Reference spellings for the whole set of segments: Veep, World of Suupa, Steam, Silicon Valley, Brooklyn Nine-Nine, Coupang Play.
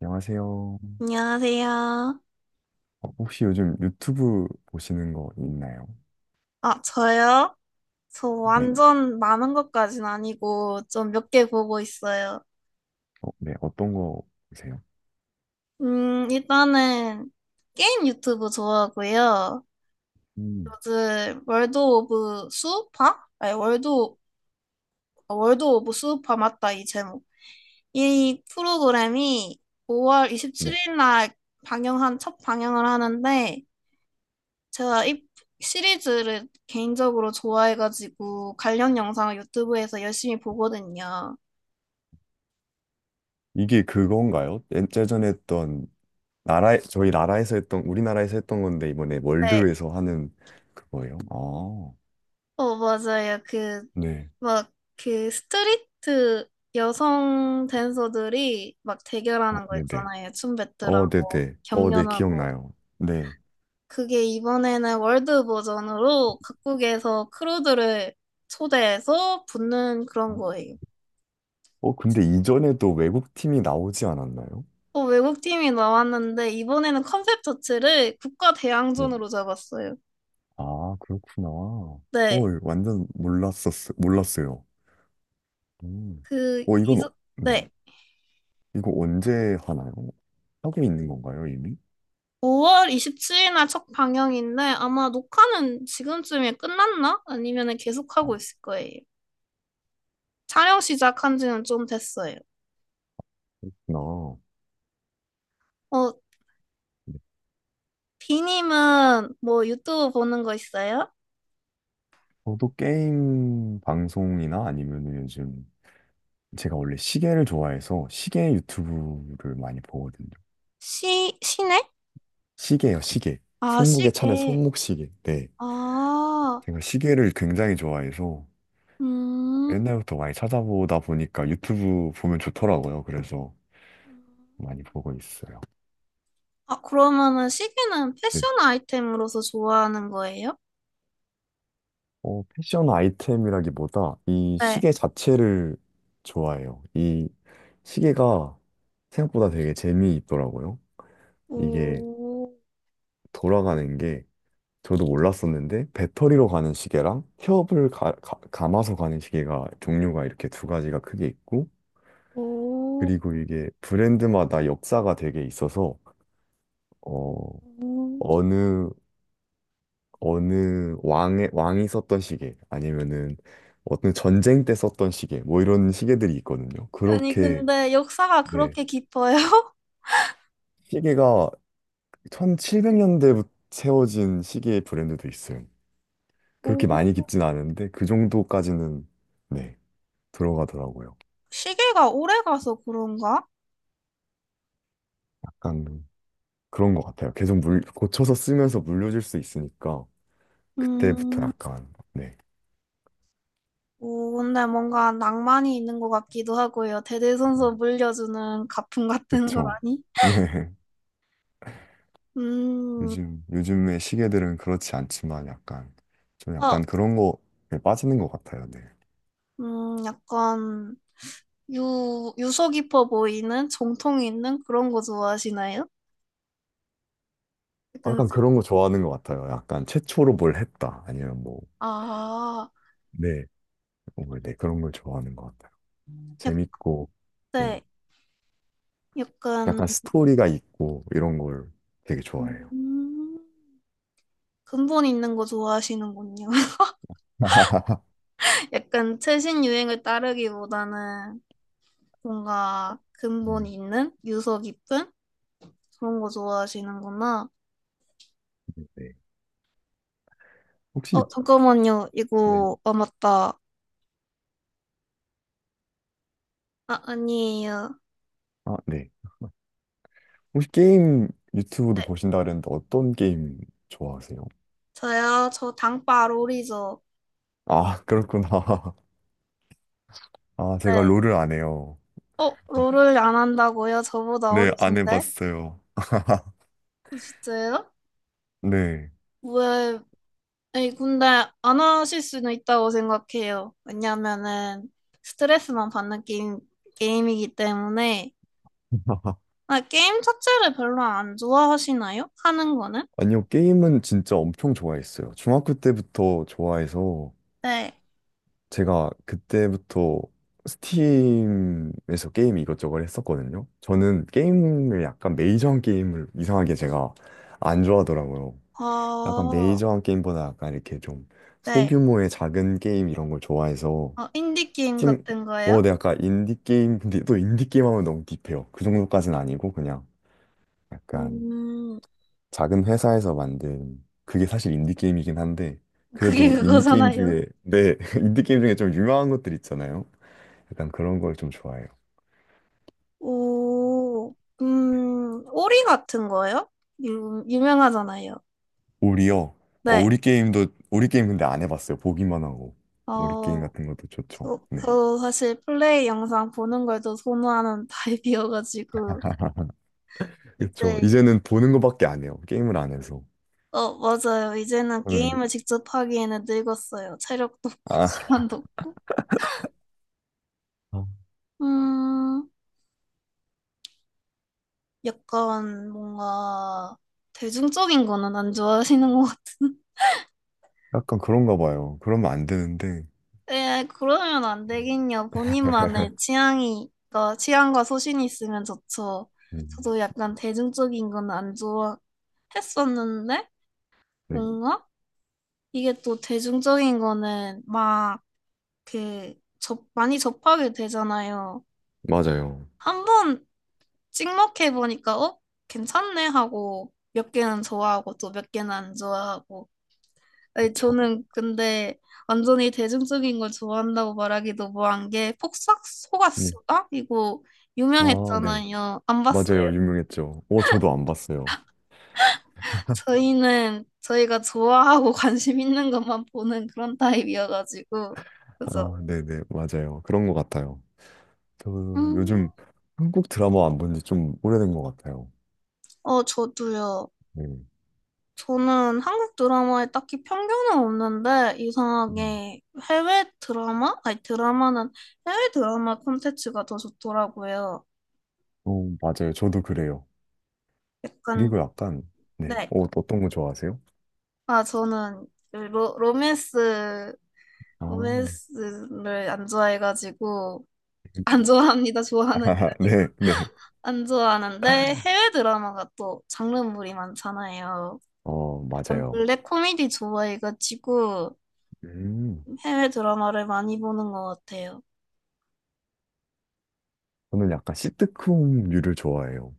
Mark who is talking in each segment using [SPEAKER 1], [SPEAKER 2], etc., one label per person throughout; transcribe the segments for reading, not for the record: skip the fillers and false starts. [SPEAKER 1] 안녕하세요.
[SPEAKER 2] 안녕하세요.
[SPEAKER 1] 혹시 요즘 유튜브 보시는 거 있나요?
[SPEAKER 2] 아, 저요? 저
[SPEAKER 1] 네.
[SPEAKER 2] 완전 많은 것까진 아니고 좀 몇 개 보고 있어요.
[SPEAKER 1] 어, 네. 어떤 거 보세요?
[SPEAKER 2] 일단은 게임 유튜브 좋아하고요.
[SPEAKER 1] 음.
[SPEAKER 2] 요즘 월드 오브 수우파? 아니, 월드 오브 수우파 맞다, 이 제목. 이 프로그램이 5월
[SPEAKER 1] 네.
[SPEAKER 2] 27일 날 방영한, 첫 방영을 하는데 제가 이 시리즈를 개인적으로 좋아해가지고 관련 영상을 유튜브에서 열심히 보거든요.
[SPEAKER 1] 이게 그건가요? 예전에 했던 나라 저희 나라에서 했던 우리나라에서 했던 건데 이번에
[SPEAKER 2] 네.
[SPEAKER 1] 월드에서 하는 그거예요. 아.
[SPEAKER 2] 어, 맞아요.
[SPEAKER 1] 네.
[SPEAKER 2] 막, 그 스트리트 여성 댄서들이 막
[SPEAKER 1] 어,
[SPEAKER 2] 대결하는 거
[SPEAKER 1] 네네.
[SPEAKER 2] 있잖아요. 춤
[SPEAKER 1] 어,
[SPEAKER 2] 배틀하고
[SPEAKER 1] 네네. 어, 네,
[SPEAKER 2] 경연하고.
[SPEAKER 1] 기억나요. 네.
[SPEAKER 2] 그게 이번에는 월드 버전으로 각국에서 크루들을 초대해서 붙는 그런
[SPEAKER 1] 어,
[SPEAKER 2] 거예요.
[SPEAKER 1] 근데 이전에도 외국 팀이 나오지 않았나요?
[SPEAKER 2] 어, 외국 팀이 나왔는데 이번에는 컨셉 자체를 국가
[SPEAKER 1] 네.
[SPEAKER 2] 대항전으로 잡았어요.
[SPEAKER 1] 아, 그렇구나.
[SPEAKER 2] 네.
[SPEAKER 1] 완전 몰랐어요. 음.
[SPEAKER 2] 그,
[SPEAKER 1] 어, 이건,
[SPEAKER 2] 이전,
[SPEAKER 1] 어- 네.
[SPEAKER 2] 네.
[SPEAKER 1] 이거 언제 하나요? 하고 있는 건가요, 이미?
[SPEAKER 2] 5월 27일날 첫 방영인데 아마 녹화는 지금쯤에 끝났나? 아니면 계속
[SPEAKER 1] 아.
[SPEAKER 2] 하고 있을 거예요. 촬영 시작한 지는 좀 됐어요.
[SPEAKER 1] 나,
[SPEAKER 2] 어,
[SPEAKER 1] 네.
[SPEAKER 2] 비님은 뭐 유튜브 보는 거 있어요?
[SPEAKER 1] 저도 게임 방송이나 아니면 요즘, 제가 원래 시계를 좋아해서 시계 유튜브를 많이 보거든요.
[SPEAKER 2] 시네?
[SPEAKER 1] 시계요, 시계.
[SPEAKER 2] 아,
[SPEAKER 1] 손목에 차는
[SPEAKER 2] 시계.
[SPEAKER 1] 손목시계. 네.
[SPEAKER 2] 아,
[SPEAKER 1] 제가 시계를 굉장히 좋아해서
[SPEAKER 2] 음.
[SPEAKER 1] 옛날부터 많이 찾아보다 보니까 유튜브 보면 좋더라고요. 그래서 많이 보고 있어요.
[SPEAKER 2] 아, 그러면은 시계는
[SPEAKER 1] 네.
[SPEAKER 2] 패션 아이템으로서 좋아하는 거예요?
[SPEAKER 1] 패션 아이템이라기보다 이
[SPEAKER 2] 네.
[SPEAKER 1] 시계 자체를 좋아해요. 이 시계가 생각보다 되게 재미있더라고요. 이게
[SPEAKER 2] 오,
[SPEAKER 1] 돌아가는 게 저도 몰랐었는데 배터리로 가는 시계랑 협을 감아서 가는 시계가 종류가 이렇게 두 가지가 크게 있고
[SPEAKER 2] 오,
[SPEAKER 1] 그리고 이게 브랜드마다 역사가 되게 있어서 어,
[SPEAKER 2] 오.
[SPEAKER 1] 어느 어느 왕의 왕이 썼던 시계 아니면은 어떤 전쟁 때 썼던 시계 뭐 이런 시계들이 있거든요.
[SPEAKER 2] 아니,
[SPEAKER 1] 그렇게
[SPEAKER 2] 근데 역사가
[SPEAKER 1] 네.
[SPEAKER 2] 그렇게 깊어요?
[SPEAKER 1] 시계가 1700년대 부터 세워진 시계 브랜드도 있어요.
[SPEAKER 2] 오,
[SPEAKER 1] 그렇게 많이 깊진 않은데 그 정도까지는 네, 들어가더라고요.
[SPEAKER 2] 시계가 오래 가서 그런가?
[SPEAKER 1] 약간 그런 것 같아요. 계속 물 고쳐서 쓰면서 물려줄 수 있으니까 그때부터
[SPEAKER 2] 음,
[SPEAKER 1] 약간 네.
[SPEAKER 2] 오, 근데 뭔가 낭만이 있는 것 같기도 하고요. 대대손손 물려주는 가품 같은
[SPEAKER 1] 그쵸.
[SPEAKER 2] 거라니?
[SPEAKER 1] 네.
[SPEAKER 2] 음,
[SPEAKER 1] 요즘의 시계들은 그렇지 않지만 약간, 좀
[SPEAKER 2] 어,
[SPEAKER 1] 약간 그런 거에 빠지는 것 같아요. 네.
[SPEAKER 2] 약간 유서 깊어 보이는 정통 있는 그런 거 좋아하시나요? 약간,
[SPEAKER 1] 약간 그런 거 좋아하는 것 같아요. 약간 최초로 뭘 했다. 아니면 뭐,
[SPEAKER 2] 아,
[SPEAKER 1] 네. 뭔 네. 그런 걸 좋아하는 것 같아요.
[SPEAKER 2] 약,
[SPEAKER 1] 재밌고, 네.
[SPEAKER 2] 네, 약간,
[SPEAKER 1] 약간 스토리가 있고, 이런 걸 되게 좋아해요.
[SPEAKER 2] 음, 근본 있는 거 좋아하시는군요. 약간 최신 유행을 따르기보다는 뭔가 근본
[SPEAKER 1] 음,
[SPEAKER 2] 있는 유서 깊은 그런 거 좋아하시는구나.
[SPEAKER 1] 네. 혹시,
[SPEAKER 2] 어, 잠깐만요.
[SPEAKER 1] 네.
[SPEAKER 2] 이거 아 맞다. 아, 아니에요.
[SPEAKER 1] 아, 네. 혹시 게임 유튜브도
[SPEAKER 2] 네,
[SPEAKER 1] 보신다 그랬는데 어떤 게임 좋아하세요?
[SPEAKER 2] 저요. 저 당빠 롤이죠.
[SPEAKER 1] 아, 그렇구나. 아, 제가
[SPEAKER 2] 네.
[SPEAKER 1] 롤을 안 해요.
[SPEAKER 2] 어, 롤을 안 한다고요? 저보다
[SPEAKER 1] 네, 안
[SPEAKER 2] 어리신데?
[SPEAKER 1] 해봤어요.
[SPEAKER 2] 어, 진짜요?
[SPEAKER 1] 네.
[SPEAKER 2] 왜? 아니, 근데 안 하실 수는 있다고 생각해요. 왜냐면은 스트레스만 받는 게임, 게임이기 때문에. 아, 게임 자체를 별로 안 좋아하시나요? 하는 거는?
[SPEAKER 1] 아니요, 게임은 진짜 엄청 좋아했어요. 중학교 때부터 좋아해서
[SPEAKER 2] 네.
[SPEAKER 1] 제가 그때부터 스팀에서 게임 이것저것 했었거든요. 저는 게임을 약간 메이저한 게임을 이상하게 제가 안 좋아하더라고요. 약간
[SPEAKER 2] 어,
[SPEAKER 1] 메이저한 게임보다 약간 이렇게 좀
[SPEAKER 2] 네.
[SPEAKER 1] 소규모의 작은 게임 이런 걸 좋아해서
[SPEAKER 2] 어, 인디 게임
[SPEAKER 1] 스팀,
[SPEAKER 2] 같은 거예요?
[SPEAKER 1] 네, 약간 인디 게임, 근데 또 인디 게임 하면 너무 딥해요. 그 정도까지는 아니고 그냥 약간
[SPEAKER 2] 음,
[SPEAKER 1] 작은 회사에서 만든 그게 사실 인디게임이긴 한데
[SPEAKER 2] 그게
[SPEAKER 1] 그래도 인디게임
[SPEAKER 2] 그거잖아요.
[SPEAKER 1] 중에 네 인디게임 중에 좀 유명한 것들 있잖아요. 약간 그런 걸 좀 좋아해요.
[SPEAKER 2] 오, 오리 같은 거예요? 유명하잖아요.
[SPEAKER 1] 우리요.
[SPEAKER 2] 네.
[SPEAKER 1] 우리 게임, 근데 안 해봤어요. 보기만 하고 우리 게임
[SPEAKER 2] 어,
[SPEAKER 1] 같은 것도 좋죠. 네.
[SPEAKER 2] 저 사실 플레이 영상 보는 걸 더 선호하는 타입이어가지고,
[SPEAKER 1] 그렇죠.
[SPEAKER 2] 이제,
[SPEAKER 1] 이제는 보는 것밖에 안 해요. 게임을 안 해서
[SPEAKER 2] 어, 맞아요. 이제는
[SPEAKER 1] 저는.
[SPEAKER 2] 게임을 직접 하기에는 늙었어요. 체력도 없고,
[SPEAKER 1] 아
[SPEAKER 2] 시간도 없고.
[SPEAKER 1] 어,
[SPEAKER 2] 음, 약간 뭔가 대중적인 거는 안 좋아하시는 것 같은.
[SPEAKER 1] 약간 그런가 봐요. 그러면 안 되는데.
[SPEAKER 2] 에, 그러면 안 되겠냐. 본인만의 취향이, 그 취향과 소신이 있으면 좋죠.
[SPEAKER 1] 음,
[SPEAKER 2] 저도 약간 대중적인 건 안 좋아했었는데,
[SPEAKER 1] 네,
[SPEAKER 2] 뭔가 이게 또 대중적인 거는 막 그, 많이 접하게 되잖아요.
[SPEAKER 1] 맞아요.
[SPEAKER 2] 한 번 찍먹해 보니까, 어? 괜찮네 하고, 몇 개는 좋아하고 또 몇 개는 안 좋아하고. 아니,
[SPEAKER 1] 그쵸.
[SPEAKER 2] 저는 근데 완전히 대중적인 걸 좋아한다고 말하기도 뭐한 게 폭삭
[SPEAKER 1] 네.
[SPEAKER 2] 속았수다? 이거
[SPEAKER 1] 아, 네.
[SPEAKER 2] 유명했잖아요. 안 봤어요.
[SPEAKER 1] 맞아요. 유명했죠. 저도 안 봤어요.
[SPEAKER 2] 저희는 저희가 좋아하고 관심 있는 것만 보는 그런 타입이어가지고 그래서
[SPEAKER 1] 아, 네네. 맞아요. 그런 것 같아요. 저
[SPEAKER 2] 음,
[SPEAKER 1] 요즘 한국 드라마 안 본지 좀 오래된 것 같아요.
[SPEAKER 2] 어 저도요.
[SPEAKER 1] 네.
[SPEAKER 2] 저는 한국 드라마에 딱히 편견은 없는데
[SPEAKER 1] 음.
[SPEAKER 2] 이상하게 해외 드라마? 아니 드라마는 해외 드라마 콘텐츠가 더 좋더라고요.
[SPEAKER 1] 어, 맞아요. 저도 그래요.
[SPEAKER 2] 약간
[SPEAKER 1] 그리고 약간, 네.
[SPEAKER 2] 네.
[SPEAKER 1] 어떤 거 좋아하세요?
[SPEAKER 2] 아, 저는 로맨스,
[SPEAKER 1] 아.
[SPEAKER 2] 로맨스를 안 좋아해가지고, 안 좋아합니다. 좋아하는 게
[SPEAKER 1] 아하,
[SPEAKER 2] 아니고.
[SPEAKER 1] 네, 네.
[SPEAKER 2] 안 좋아하는데, 해외 드라마가 또 장르물이 많잖아요.
[SPEAKER 1] 어,
[SPEAKER 2] 약간
[SPEAKER 1] 맞아요.
[SPEAKER 2] 블랙 코미디 좋아해가지고,
[SPEAKER 1] 음.
[SPEAKER 2] 해외 드라마를 많이 보는 것 같아요.
[SPEAKER 1] 저는 약간 시트콤류를 좋아해요.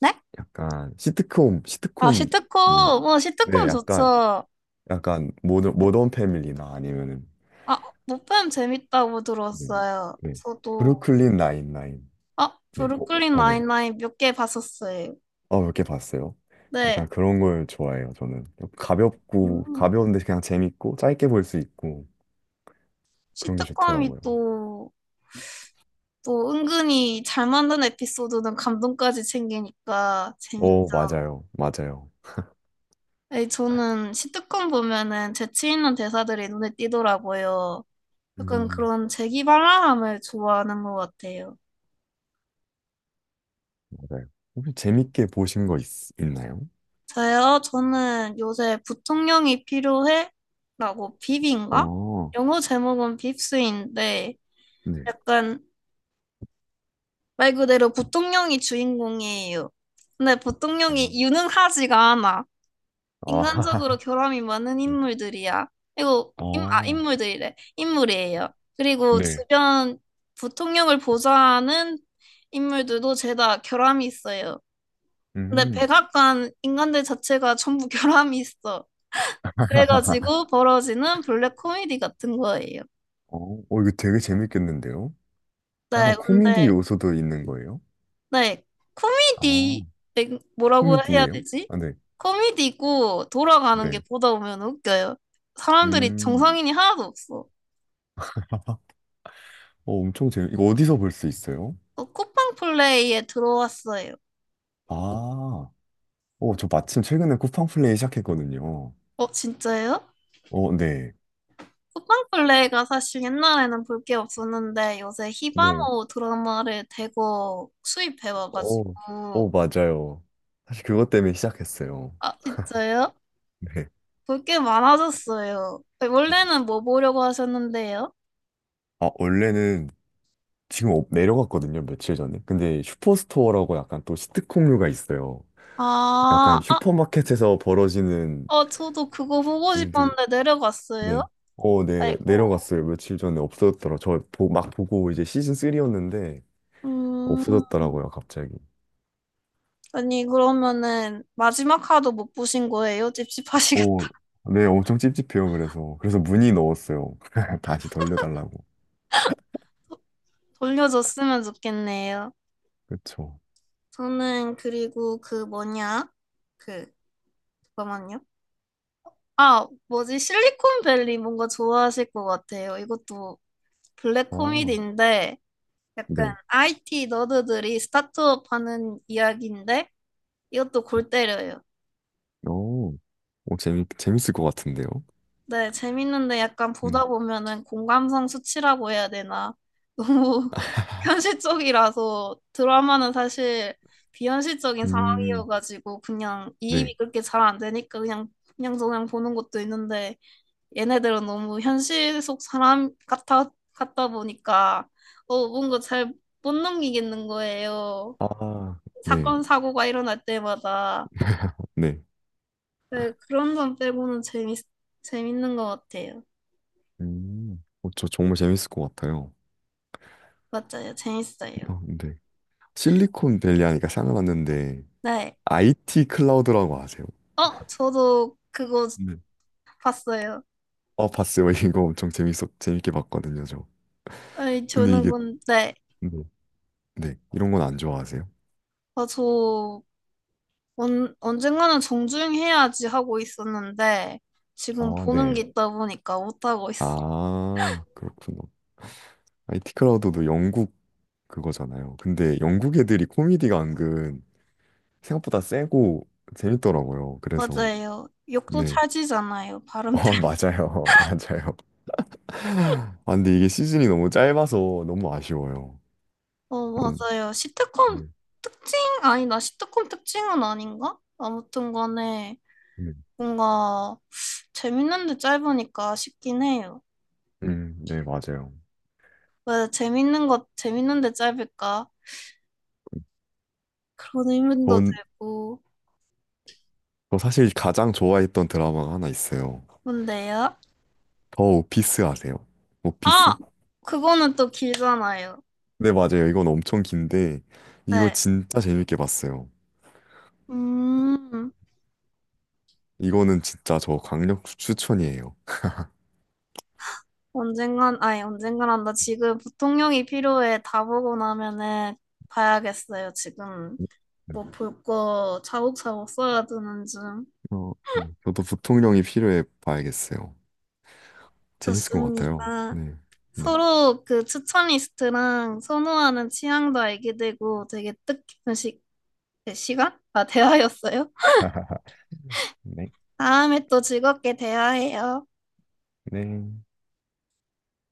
[SPEAKER 2] 네?
[SPEAKER 1] 약간,
[SPEAKER 2] 아,
[SPEAKER 1] 시트콤류.
[SPEAKER 2] 시트콤! 뭐,
[SPEAKER 1] 네,
[SPEAKER 2] 시트콤
[SPEAKER 1] 약간,
[SPEAKER 2] 좋죠.
[SPEAKER 1] 모던 패밀리나 아니면
[SPEAKER 2] 아, 못뱀 재밌다고
[SPEAKER 1] 네.
[SPEAKER 2] 들었어요.
[SPEAKER 1] 네.
[SPEAKER 2] 저도,
[SPEAKER 1] 브루클린 나인나인.
[SPEAKER 2] 아,
[SPEAKER 1] 네.
[SPEAKER 2] 브루클린
[SPEAKER 1] 네.
[SPEAKER 2] 나인나인 몇 개 봤었어요.
[SPEAKER 1] 어, 몇 개 봤어요.
[SPEAKER 2] 네.
[SPEAKER 1] 약간 그런 걸 좋아해요, 저는. 가볍고,
[SPEAKER 2] 음.
[SPEAKER 1] 가벼운데 그냥 재밌고, 짧게 볼 수 있고, 그런 게
[SPEAKER 2] 시트콤이
[SPEAKER 1] 좋더라고요.
[SPEAKER 2] 또, 또 은근히 잘 만든 에피소드는 감동까지 챙기니까 재밌죠.
[SPEAKER 1] 어, 맞아요. 맞아요.
[SPEAKER 2] 아니, 저는 시트콤 보면은 재치 있는 대사들이 눈에 띄더라고요. 약간
[SPEAKER 1] 음,
[SPEAKER 2] 그런 재기발랄함을 좋아하는 것 같아요.
[SPEAKER 1] 맞아요. 혹시 재밌게 보신 거 있나요?
[SPEAKER 2] 저요? 저는 요새 부통령이 필요해? 라고 빕인가?
[SPEAKER 1] 어,
[SPEAKER 2] 영어 제목은 빕스인데
[SPEAKER 1] 네.
[SPEAKER 2] 약간 말 그대로 부통령이 주인공이에요. 근데
[SPEAKER 1] 어,
[SPEAKER 2] 부통령이 유능하지가 않아. 인간적으로
[SPEAKER 1] 아,
[SPEAKER 2] 결함이 많은
[SPEAKER 1] 네.
[SPEAKER 2] 인물들이야. 그리고
[SPEAKER 1] 어,
[SPEAKER 2] 인물들이래. 인물이에요. 그리고
[SPEAKER 1] 네.
[SPEAKER 2] 주변 부통령을 보좌하는 인물들도 죄다 결함이 있어요. 근데
[SPEAKER 1] 음.
[SPEAKER 2] 백악관 인간들 자체가 전부 결함이 있어. 그래가지고 벌어지는 블랙 코미디 같은 거예요.
[SPEAKER 1] 어, 이거 되게 재밌겠는데요?
[SPEAKER 2] 네,
[SPEAKER 1] 약간 코미디
[SPEAKER 2] 근데
[SPEAKER 1] 요소도 있는 거예요?
[SPEAKER 2] 네
[SPEAKER 1] 아.
[SPEAKER 2] 코미디 네, 뭐라고 해야
[SPEAKER 1] 코미디예요?
[SPEAKER 2] 되지?
[SPEAKER 1] 아, 네.
[SPEAKER 2] 코미디고 돌아가는 게
[SPEAKER 1] 네.
[SPEAKER 2] 보다 보면 웃겨요. 사람들이
[SPEAKER 1] 음.
[SPEAKER 2] 정상인이 하나도 없어.
[SPEAKER 1] 어, 엄청 재밌. 이거 어디서 볼 수 있어요?
[SPEAKER 2] 어, 쿠팡 플레이에 들어왔어요.
[SPEAKER 1] 아. 저 마침 최근에 쿠팡 플레이 시작했거든요.
[SPEAKER 2] 어, 진짜요?
[SPEAKER 1] 어, 네.
[SPEAKER 2] 쿠팡 플레이가 사실 옛날에는 볼 게 없었는데 요새
[SPEAKER 1] 네.
[SPEAKER 2] 히바모 드라마를 대거 수입해
[SPEAKER 1] 어,
[SPEAKER 2] 와가지고
[SPEAKER 1] 맞아요. 사실 그것 때문에 시작했어요.
[SPEAKER 2] 아, 진짜요?
[SPEAKER 1] 네.
[SPEAKER 2] 볼 게 많아졌어요. 네, 원래는 뭐 보려고 하셨는데요?
[SPEAKER 1] 아, 원래는 지금 내려갔거든요, 며칠 전에. 근데 슈퍼스토어라고 약간 또 시트콤류가 있어요. 약간
[SPEAKER 2] 아, 아,
[SPEAKER 1] 슈퍼마켓에서 벌어지는
[SPEAKER 2] 어, 저도 그거 보고
[SPEAKER 1] 일들.
[SPEAKER 2] 싶었는데 내려갔어요.
[SPEAKER 1] 네. 어, 네.
[SPEAKER 2] 아이고.
[SPEAKER 1] 내려갔어요. 며칠 전에 없어졌더라. 막 보고 이제 시즌 3이었는데
[SPEAKER 2] 음,
[SPEAKER 1] 없어졌더라고요, 갑자기.
[SPEAKER 2] 아니 그러면은 마지막 화도 못 보신 거예요? 찝찝하시겠다.
[SPEAKER 1] 어, 네. 엄청 찝찝해요. 그래서 문의 넣었어요. 다시 돌려달라고.
[SPEAKER 2] 돌려줬으면 좋겠네요.
[SPEAKER 1] 그쵸.
[SPEAKER 2] 저는 그리고 그 뭐냐? 그 잠깐만요. 아, 뭐지? 실리콘밸리 뭔가 좋아하실 것 같아요. 이것도 블랙
[SPEAKER 1] 어,
[SPEAKER 2] 코미디인데 약간
[SPEAKER 1] 네.
[SPEAKER 2] IT 너드들이 스타트업 하는 이야기인데 이것도 골 때려요.
[SPEAKER 1] 어, 재밌을 것 같은데요.
[SPEAKER 2] 네, 재밌는데 약간 보다
[SPEAKER 1] 네.
[SPEAKER 2] 보면은 공감성 수치라고 해야 되나? 너무 현실적이라서 드라마는 사실 비현실적인
[SPEAKER 1] 음,
[SPEAKER 2] 상황이어가지고 그냥
[SPEAKER 1] 네.
[SPEAKER 2] 이입이 그렇게 잘 안 되니까 그냥 저냥 보는 것도 있는데 얘네들은 너무 현실 속 사람 같아 같다 보니까 어 뭔가 잘 못 넘기겠는 거예요.
[SPEAKER 1] 아, 네.
[SPEAKER 2] 사건 사고가 일어날 때마다
[SPEAKER 1] 네.
[SPEAKER 2] 네, 그런 점 빼고는 재밌는 것 같아요.
[SPEAKER 1] 저 정말 재밌을 것 같아요.
[SPEAKER 2] 맞아요, 재밌어요.
[SPEAKER 1] 어, 네. 실리콘밸리 하니까 생각났는데
[SPEAKER 2] 네.
[SPEAKER 1] IT 클라우드라고 아세요?
[SPEAKER 2] 어, 저도 그거 봤어요.
[SPEAKER 1] 어, 봤어요. 이거 엄청 재밌게 봤거든요, 저.
[SPEAKER 2] 아니,
[SPEAKER 1] 근데
[SPEAKER 2] 저는
[SPEAKER 1] 이게,
[SPEAKER 2] 근 네.
[SPEAKER 1] 네, 네, 이런 건 안 좋아하세요?
[SPEAKER 2] 아, 저 언젠가는 정주행해야지 하고 있었는데 지금
[SPEAKER 1] 아,
[SPEAKER 2] 보는
[SPEAKER 1] 네.
[SPEAKER 2] 게 있다 보니까 못하고 있어요.
[SPEAKER 1] 아, 그렇구나. IT 크라우드도 영국 그거잖아요. 근데 영국 애들이 코미디가 은근 생각보다 세고 재밌더라고요. 그래서,
[SPEAKER 2] 맞아요. 욕도
[SPEAKER 1] 네.
[SPEAKER 2] 찰지잖아요.
[SPEAKER 1] 어,
[SPEAKER 2] 발음 때문에.
[SPEAKER 1] 맞아요. 맞아요. 아, 근데 이게 시즌이 너무 짧아서 너무 아쉬워요.
[SPEAKER 2] 어,
[SPEAKER 1] 너무,
[SPEAKER 2] 맞아요.
[SPEAKER 1] 네.
[SPEAKER 2] 시트콤 특징? 아니다. 시트콤 특징은 아닌가? 아무튼 간에
[SPEAKER 1] 네.
[SPEAKER 2] 뭔가 재밌는데 짧으니까 싶긴 해요.
[SPEAKER 1] 네, 맞아요.
[SPEAKER 2] 왜 재밌는 것 재밌는데 짧을까? 그런 의문도
[SPEAKER 1] 전,
[SPEAKER 2] 들고.
[SPEAKER 1] 저 사실 가장 좋아했던 드라마가 하나 있어요.
[SPEAKER 2] 뭔데요?
[SPEAKER 1] 오피스 아세요?
[SPEAKER 2] 아,
[SPEAKER 1] 오피스?
[SPEAKER 2] 그거는 또 길잖아요.
[SPEAKER 1] 네, 맞아요. 이건 엄청 긴데, 이거
[SPEAKER 2] 네.
[SPEAKER 1] 진짜 재밌게 봤어요.
[SPEAKER 2] 음,
[SPEAKER 1] 이거는 진짜 저 강력 추천이에요.
[SPEAKER 2] 언젠간, 아니, 언젠간 한다. 지금 부통령이 필요해. 다 보고 나면은 봐야겠어요. 지금
[SPEAKER 1] 네.
[SPEAKER 2] 뭐 볼 거 차곡차곡 써야 되는 중.
[SPEAKER 1] 어, 네. 저도 부통령이 필요해 봐야겠어요. 재밌을 것 같아요.
[SPEAKER 2] 좋습니다.
[SPEAKER 1] 네. 네.
[SPEAKER 2] 서로 그 추천 리스트랑 선호하는 취향도 알게 되고 되게 뜻깊은 네, 시간? 아, 대화였어요.
[SPEAKER 1] 네,
[SPEAKER 2] 다음에 또 즐겁게 대화해요.
[SPEAKER 1] 네.